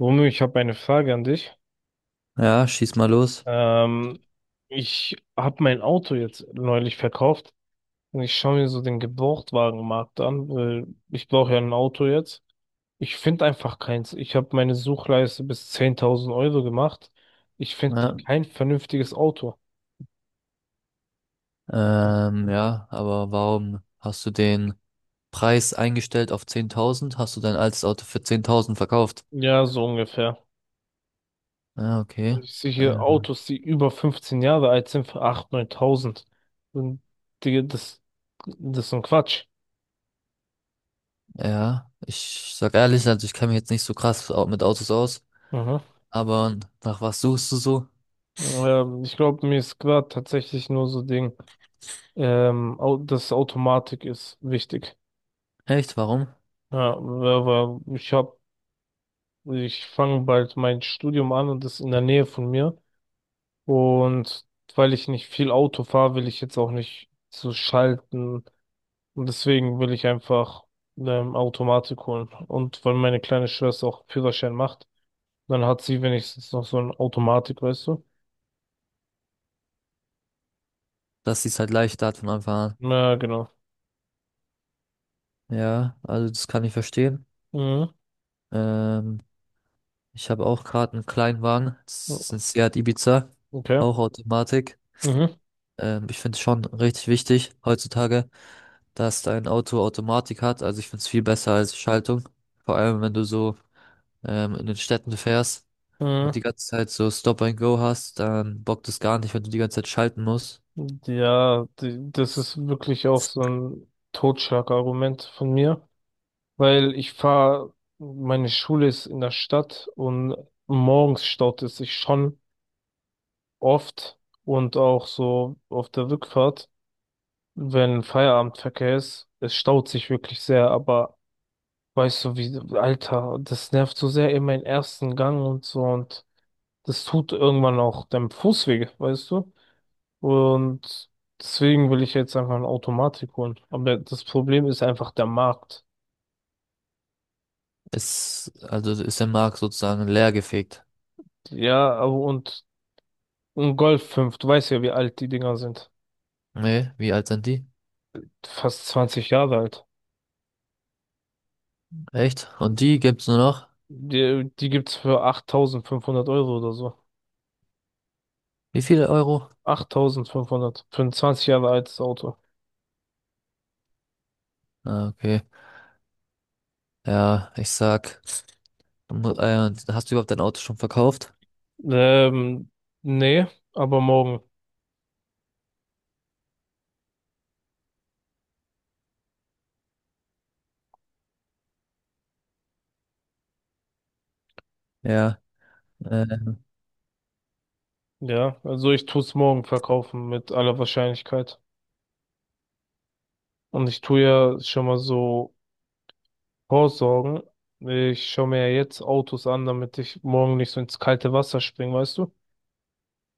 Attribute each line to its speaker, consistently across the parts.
Speaker 1: Romeo, ich habe eine Frage an dich.
Speaker 2: Ja, schieß mal los.
Speaker 1: Ähm, Ich habe mein Auto jetzt neulich verkauft und ich schaue mir so den Gebrauchtwagenmarkt an, weil ich brauche ja ein Auto jetzt. Ich finde einfach keins. Ich habe meine Suchleiste bis 10.000 Euro gemacht. Ich finde
Speaker 2: Ja,
Speaker 1: kein vernünftiges Auto.
Speaker 2: ja, aber warum hast du den Preis eingestellt auf 10.000? Hast du dein altes Auto für 10.000 verkauft?
Speaker 1: Ja, so ungefähr.
Speaker 2: Ja, okay.
Speaker 1: Und ich sehe hier
Speaker 2: Ähm,
Speaker 1: Autos, die über 15 Jahre alt sind, für 8.000, 9.000. Und Digga, das ist so ein Quatsch.
Speaker 2: ja, ich sag ehrlich, also ich kenne mich jetzt nicht so krass mit Autos aus,
Speaker 1: Mhm.
Speaker 2: aber nach was suchst du so?
Speaker 1: Ich glaube, mir ist gerade tatsächlich nur so Ding. Das Automatik ist wichtig.
Speaker 2: Echt, warum?
Speaker 1: Ja, aber ich fange bald mein Studium an und das ist in der Nähe von mir. Und weil ich nicht viel Auto fahre, will ich jetzt auch nicht so schalten. Und deswegen will ich einfach Automatik holen. Und weil meine kleine Schwester auch Führerschein macht, dann hat sie wenigstens noch so eine Automatik, weißt du?
Speaker 2: Dass sie es halt leichter hat von Anfang
Speaker 1: Ja, genau.
Speaker 2: an. Ja, also das kann ich verstehen.
Speaker 1: Mhm.
Speaker 2: Ähm, Ich habe auch gerade einen Kleinwagen, das ist ein Seat Ibiza,
Speaker 1: Okay.
Speaker 2: auch Automatik.
Speaker 1: Mhm.
Speaker 2: Ich finde es schon richtig wichtig heutzutage, dass dein Auto Automatik hat. Also ich finde es viel besser als Schaltung. Vor allem, wenn du so in den Städten fährst und
Speaker 1: Mhm.
Speaker 2: die ganze Zeit so Stop and Go hast, dann bockt es gar nicht, wenn du die ganze Zeit schalten musst.
Speaker 1: Ja, das ist wirklich auch so ein Totschlagargument von mir, weil meine Schule ist in der Stadt und morgens staut es sich schon oft und auch so auf der Rückfahrt, wenn Feierabendverkehr ist, es staut sich wirklich sehr, aber weißt du wie, Alter, das nervt so sehr in meinen ersten Gang und so und das tut irgendwann auch deinem Fuß weh, weißt du? Und deswegen will ich jetzt einfach eine Automatik holen. Aber das Problem ist einfach der Markt.
Speaker 2: Also ist der Markt sozusagen leer gefegt.
Speaker 1: Ja, aber und ein Golf 5 du weißt ja, wie alt die Dinger sind.
Speaker 2: Nee, wie alt sind die?
Speaker 1: Fast zwanzig Jahre alt.
Speaker 2: Echt? Und die gibt's nur noch?
Speaker 1: Die gibt's für 8.500 Euro oder so.
Speaker 2: Wie viele Euro?
Speaker 1: 8.500 für ein 20 Jahre altes Auto.
Speaker 2: Ah, okay. Ja, ich sag, Hast du überhaupt dein Auto schon verkauft?
Speaker 1: Ähm, Nee, aber morgen.
Speaker 2: Ja. Äh,
Speaker 1: Ja, also ich tu's morgen verkaufen mit aller Wahrscheinlichkeit. Und ich tu ja schon mal so vorsorgen. Ich schaue mir ja jetzt Autos an, damit ich morgen nicht so ins kalte Wasser springe, weißt du?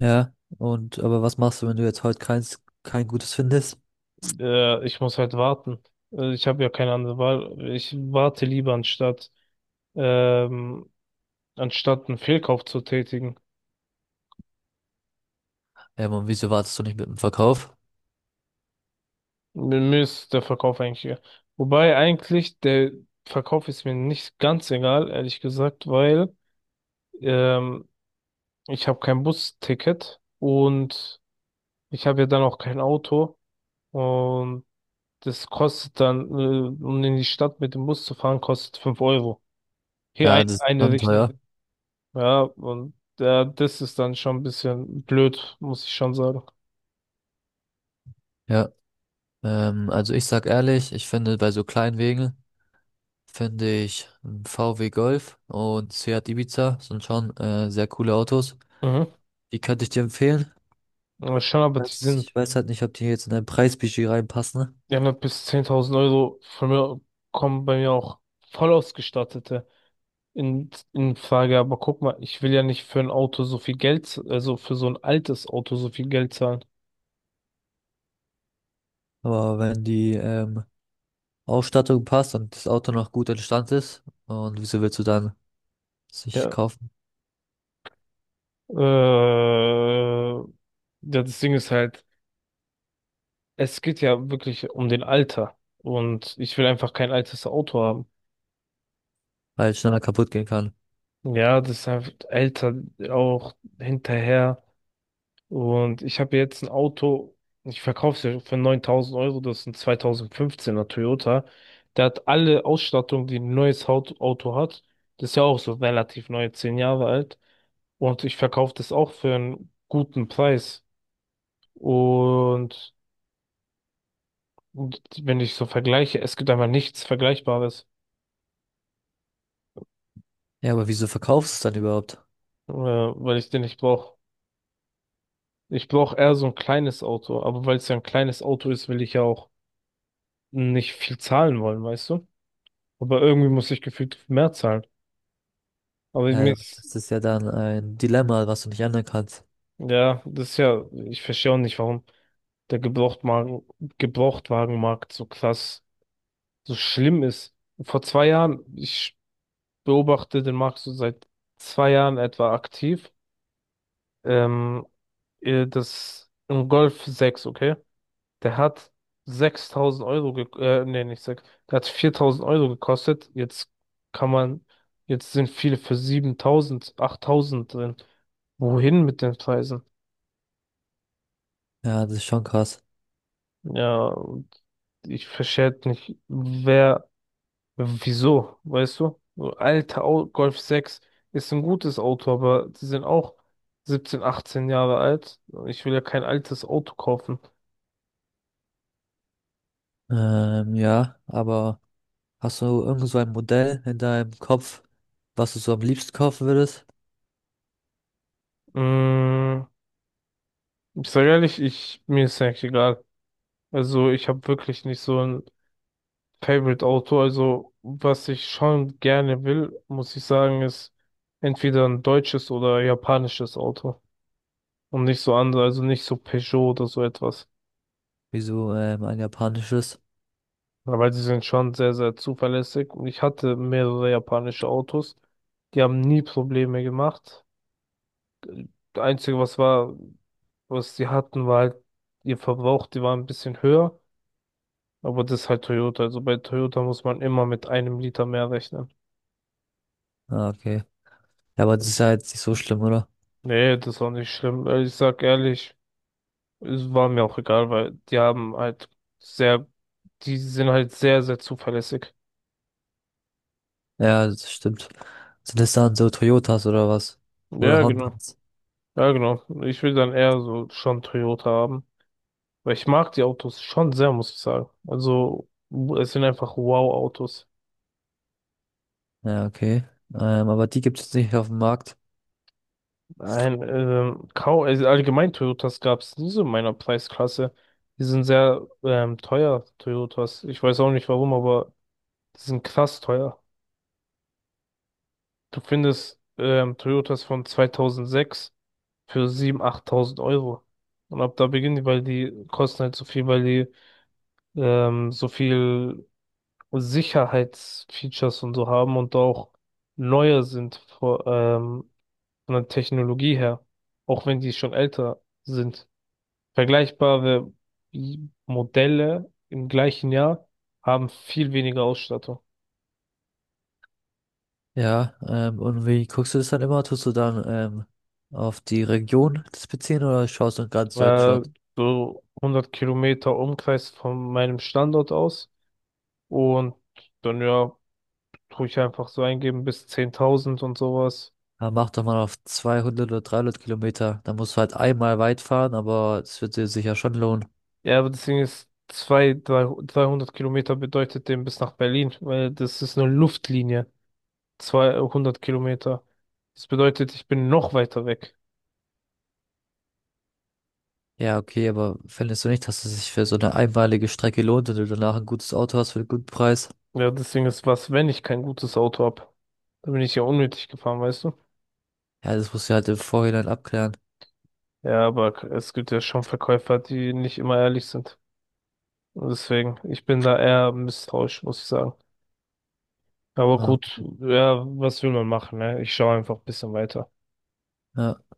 Speaker 2: Ja, aber was machst du, wenn du jetzt heute kein gutes findest?
Speaker 1: Ich muss halt warten. Ich habe ja keine andere Wahl. Ich warte lieber ähm, anstatt einen Fehlkauf zu tätigen.
Speaker 2: Und wieso wartest du nicht mit dem Verkauf?
Speaker 1: Mir ist der Verkauf eigentlich egal. Wobei eigentlich der Verkauf ist mir nicht ganz egal, ehrlich gesagt, weil ähm, ich habe kein Busticket und ich habe ja dann auch kein Auto und das kostet dann, um in die Stadt mit dem Bus zu fahren, kostet 5 Euro. Hier
Speaker 2: Ja, das ist
Speaker 1: eine
Speaker 2: dann teuer.
Speaker 1: Richtung. Ja, und das ist dann schon ein bisschen blöd, muss ich schon sagen.
Speaker 2: Ja. Also ich sag ehrlich, ich finde bei so kleinen Wegen finde ich ein VW Golf und Seat Ibiza sind schon sehr coole Autos.
Speaker 1: Mhm.
Speaker 2: Die könnte ich dir empfehlen.
Speaker 1: Aber schon, aber die sind,
Speaker 2: Ich weiß halt nicht, ob die jetzt in dein Preisbudget reinpassen,
Speaker 1: ja haben ja bis 10.000 Euro von mir, kommen bei mir auch voll ausgestattete in Frage. Aber guck mal, ich will ja nicht für ein Auto so viel Geld, also für so ein altes Auto so viel Geld zahlen.
Speaker 2: aber wenn die Ausstattung passt und das Auto noch gut in Stand ist, und wieso willst du dann sich
Speaker 1: Ja.
Speaker 2: kaufen,
Speaker 1: Äh, ja, das Ding ist halt, es geht ja wirklich um den Alter. Und ich will einfach kein altes Auto haben.
Speaker 2: weil es schneller kaputt gehen kann?
Speaker 1: Ja, das ist einfach älter auch hinterher. Und ich habe jetzt ein Auto, ich verkaufe es ja für 9.000 Euro, das ist ein 2015er Toyota. Der hat alle Ausstattung, die ein neues Auto hat. Das ist ja auch so relativ neu, 10 Jahre alt. Und ich verkaufe das auch für einen guten Preis. Und, und wenn ich so vergleiche, es gibt einfach nichts Vergleichbares.
Speaker 2: Ja, aber wieso verkaufst du es dann überhaupt?
Speaker 1: Ja, weil ich den nicht brauche. Ich brauche eher so ein kleines Auto, aber weil es ja ein kleines Auto ist, will ich ja auch nicht viel zahlen wollen, weißt du? Aber irgendwie muss ich gefühlt mehr zahlen. Aber mir
Speaker 2: Ja,
Speaker 1: ist,
Speaker 2: das ist ja dann ein Dilemma, was du nicht ändern kannst.
Speaker 1: ja, das ist ja, ich verstehe auch nicht, warum der Gebrauchtwagen, Gebrauchtwagenmarkt so krass, so schlimm ist. Vor zwei Jahren, ich beobachte den Markt so seit zwei Jahren etwa aktiv, ähm, das ein Golf 6 okay? Der hat 6000 Euro, ge nee, nicht 6, der hat 4.000 Euro gekostet. Kann man, jetzt sind viele für 7.000 8.000 drin. Wohin mit den Preisen?
Speaker 2: Ja, das ist schon krass.
Speaker 1: Ja, und ich verstehe halt nicht, wieso, weißt du? So Alter, Golf 6 ist ein gutes Auto, aber die sind auch 17 18 Jahre alt. Ich will ja kein altes Auto kaufen.
Speaker 2: Ja, aber hast du irgend so ein Modell in deinem Kopf, was du so am liebsten kaufen würdest?
Speaker 1: Mm, ich sage ehrlich, mir ist ja eigentlich egal. Also ich habe wirklich nicht so ein Favorite-Auto. Also was ich schon gerne will, muss ich sagen, ist entweder ein deutsches oder japanisches Auto. Und nicht so andere, also nicht so Peugeot oder so etwas.
Speaker 2: Wieso ein japanisches?
Speaker 1: Weil sie sind schon sehr, sehr zuverlässig. Und ich hatte mehrere japanische Autos. Die haben nie Probleme gemacht. Das Einzige, was war, was sie hatten, war halt ihr Verbrauch, die war ein bisschen höher. Aber das ist halt Toyota. Also bei Toyota muss man immer mit einem Liter mehr rechnen.
Speaker 2: Ah, okay. Ja, aber das ist ja jetzt nicht so schlimm, oder?
Speaker 1: Nee, das ist auch nicht schlimm. Ich sag ehrlich, es war mir auch egal, weil die haben halt sehr, die sind halt sehr, sehr zuverlässig.
Speaker 2: Ja, das stimmt. Sind das dann so Toyotas oder was? Oder
Speaker 1: Ja, genau.
Speaker 2: Hondas?
Speaker 1: Ja, genau. Ich will dann eher so schon Toyota haben. Weil ich mag die Autos schon sehr, muss ich sagen. Also, es sind einfach Wow-Autos.
Speaker 2: Ja, okay. Aber die gibt es nicht auf dem Markt.
Speaker 1: Nein, kaum, also allgemein Toyotas gab es nie so in meiner Preisklasse. Die sind sehr teuer, Toyotas. Ich weiß auch nicht warum, aber die sind krass teuer. Du findest Toyotas von 2006 für 7.000, 8.000 Euro. Und ab da beginnen die, weil die kosten halt so viel, weil die so viel Sicherheitsfeatures und so haben und auch neuer sind, von der Technologie her. Auch wenn die schon älter sind. Vergleichbare Modelle im gleichen Jahr haben viel weniger Ausstattung.
Speaker 2: Ja, und wie guckst du das dann immer? Tust du dann auf die Region das beziehen oder schaust du in ganz
Speaker 1: Äh,
Speaker 2: Deutschland?
Speaker 1: so 100 Kilometer Umkreis von meinem Standort aus. Und dann ja, tue ich einfach so eingeben bis 10.000 und sowas.
Speaker 2: Ja, mach doch mal auf 200 oder 300 Kilometer. Dann musst du halt einmal weit fahren, aber es wird dir sicher schon lohnen.
Speaker 1: Ja, aber deswegen ist 300 Kilometer bedeutet dem bis nach Berlin, weil das ist eine Luftlinie. 200 Kilometer. Das bedeutet, ich bin noch weiter weg.
Speaker 2: Ja, okay, aber findest du nicht, dass es sich für so eine einmalige Strecke lohnt und du danach ein gutes Auto hast für einen guten Preis?
Speaker 1: Ja, deswegen ist was, wenn ich kein gutes Auto hab, dann bin ich ja unnötig gefahren, weißt du?
Speaker 2: Ja, das musst du halt im Vorhinein abklären.
Speaker 1: Ja, aber es gibt ja schon Verkäufer, die nicht immer ehrlich sind. Und deswegen, ich bin da eher misstrauisch, muss ich sagen. Aber
Speaker 2: Ja,
Speaker 1: gut, ja, was will man machen, ne? Ich schaue einfach ein bisschen weiter.
Speaker 2: ja.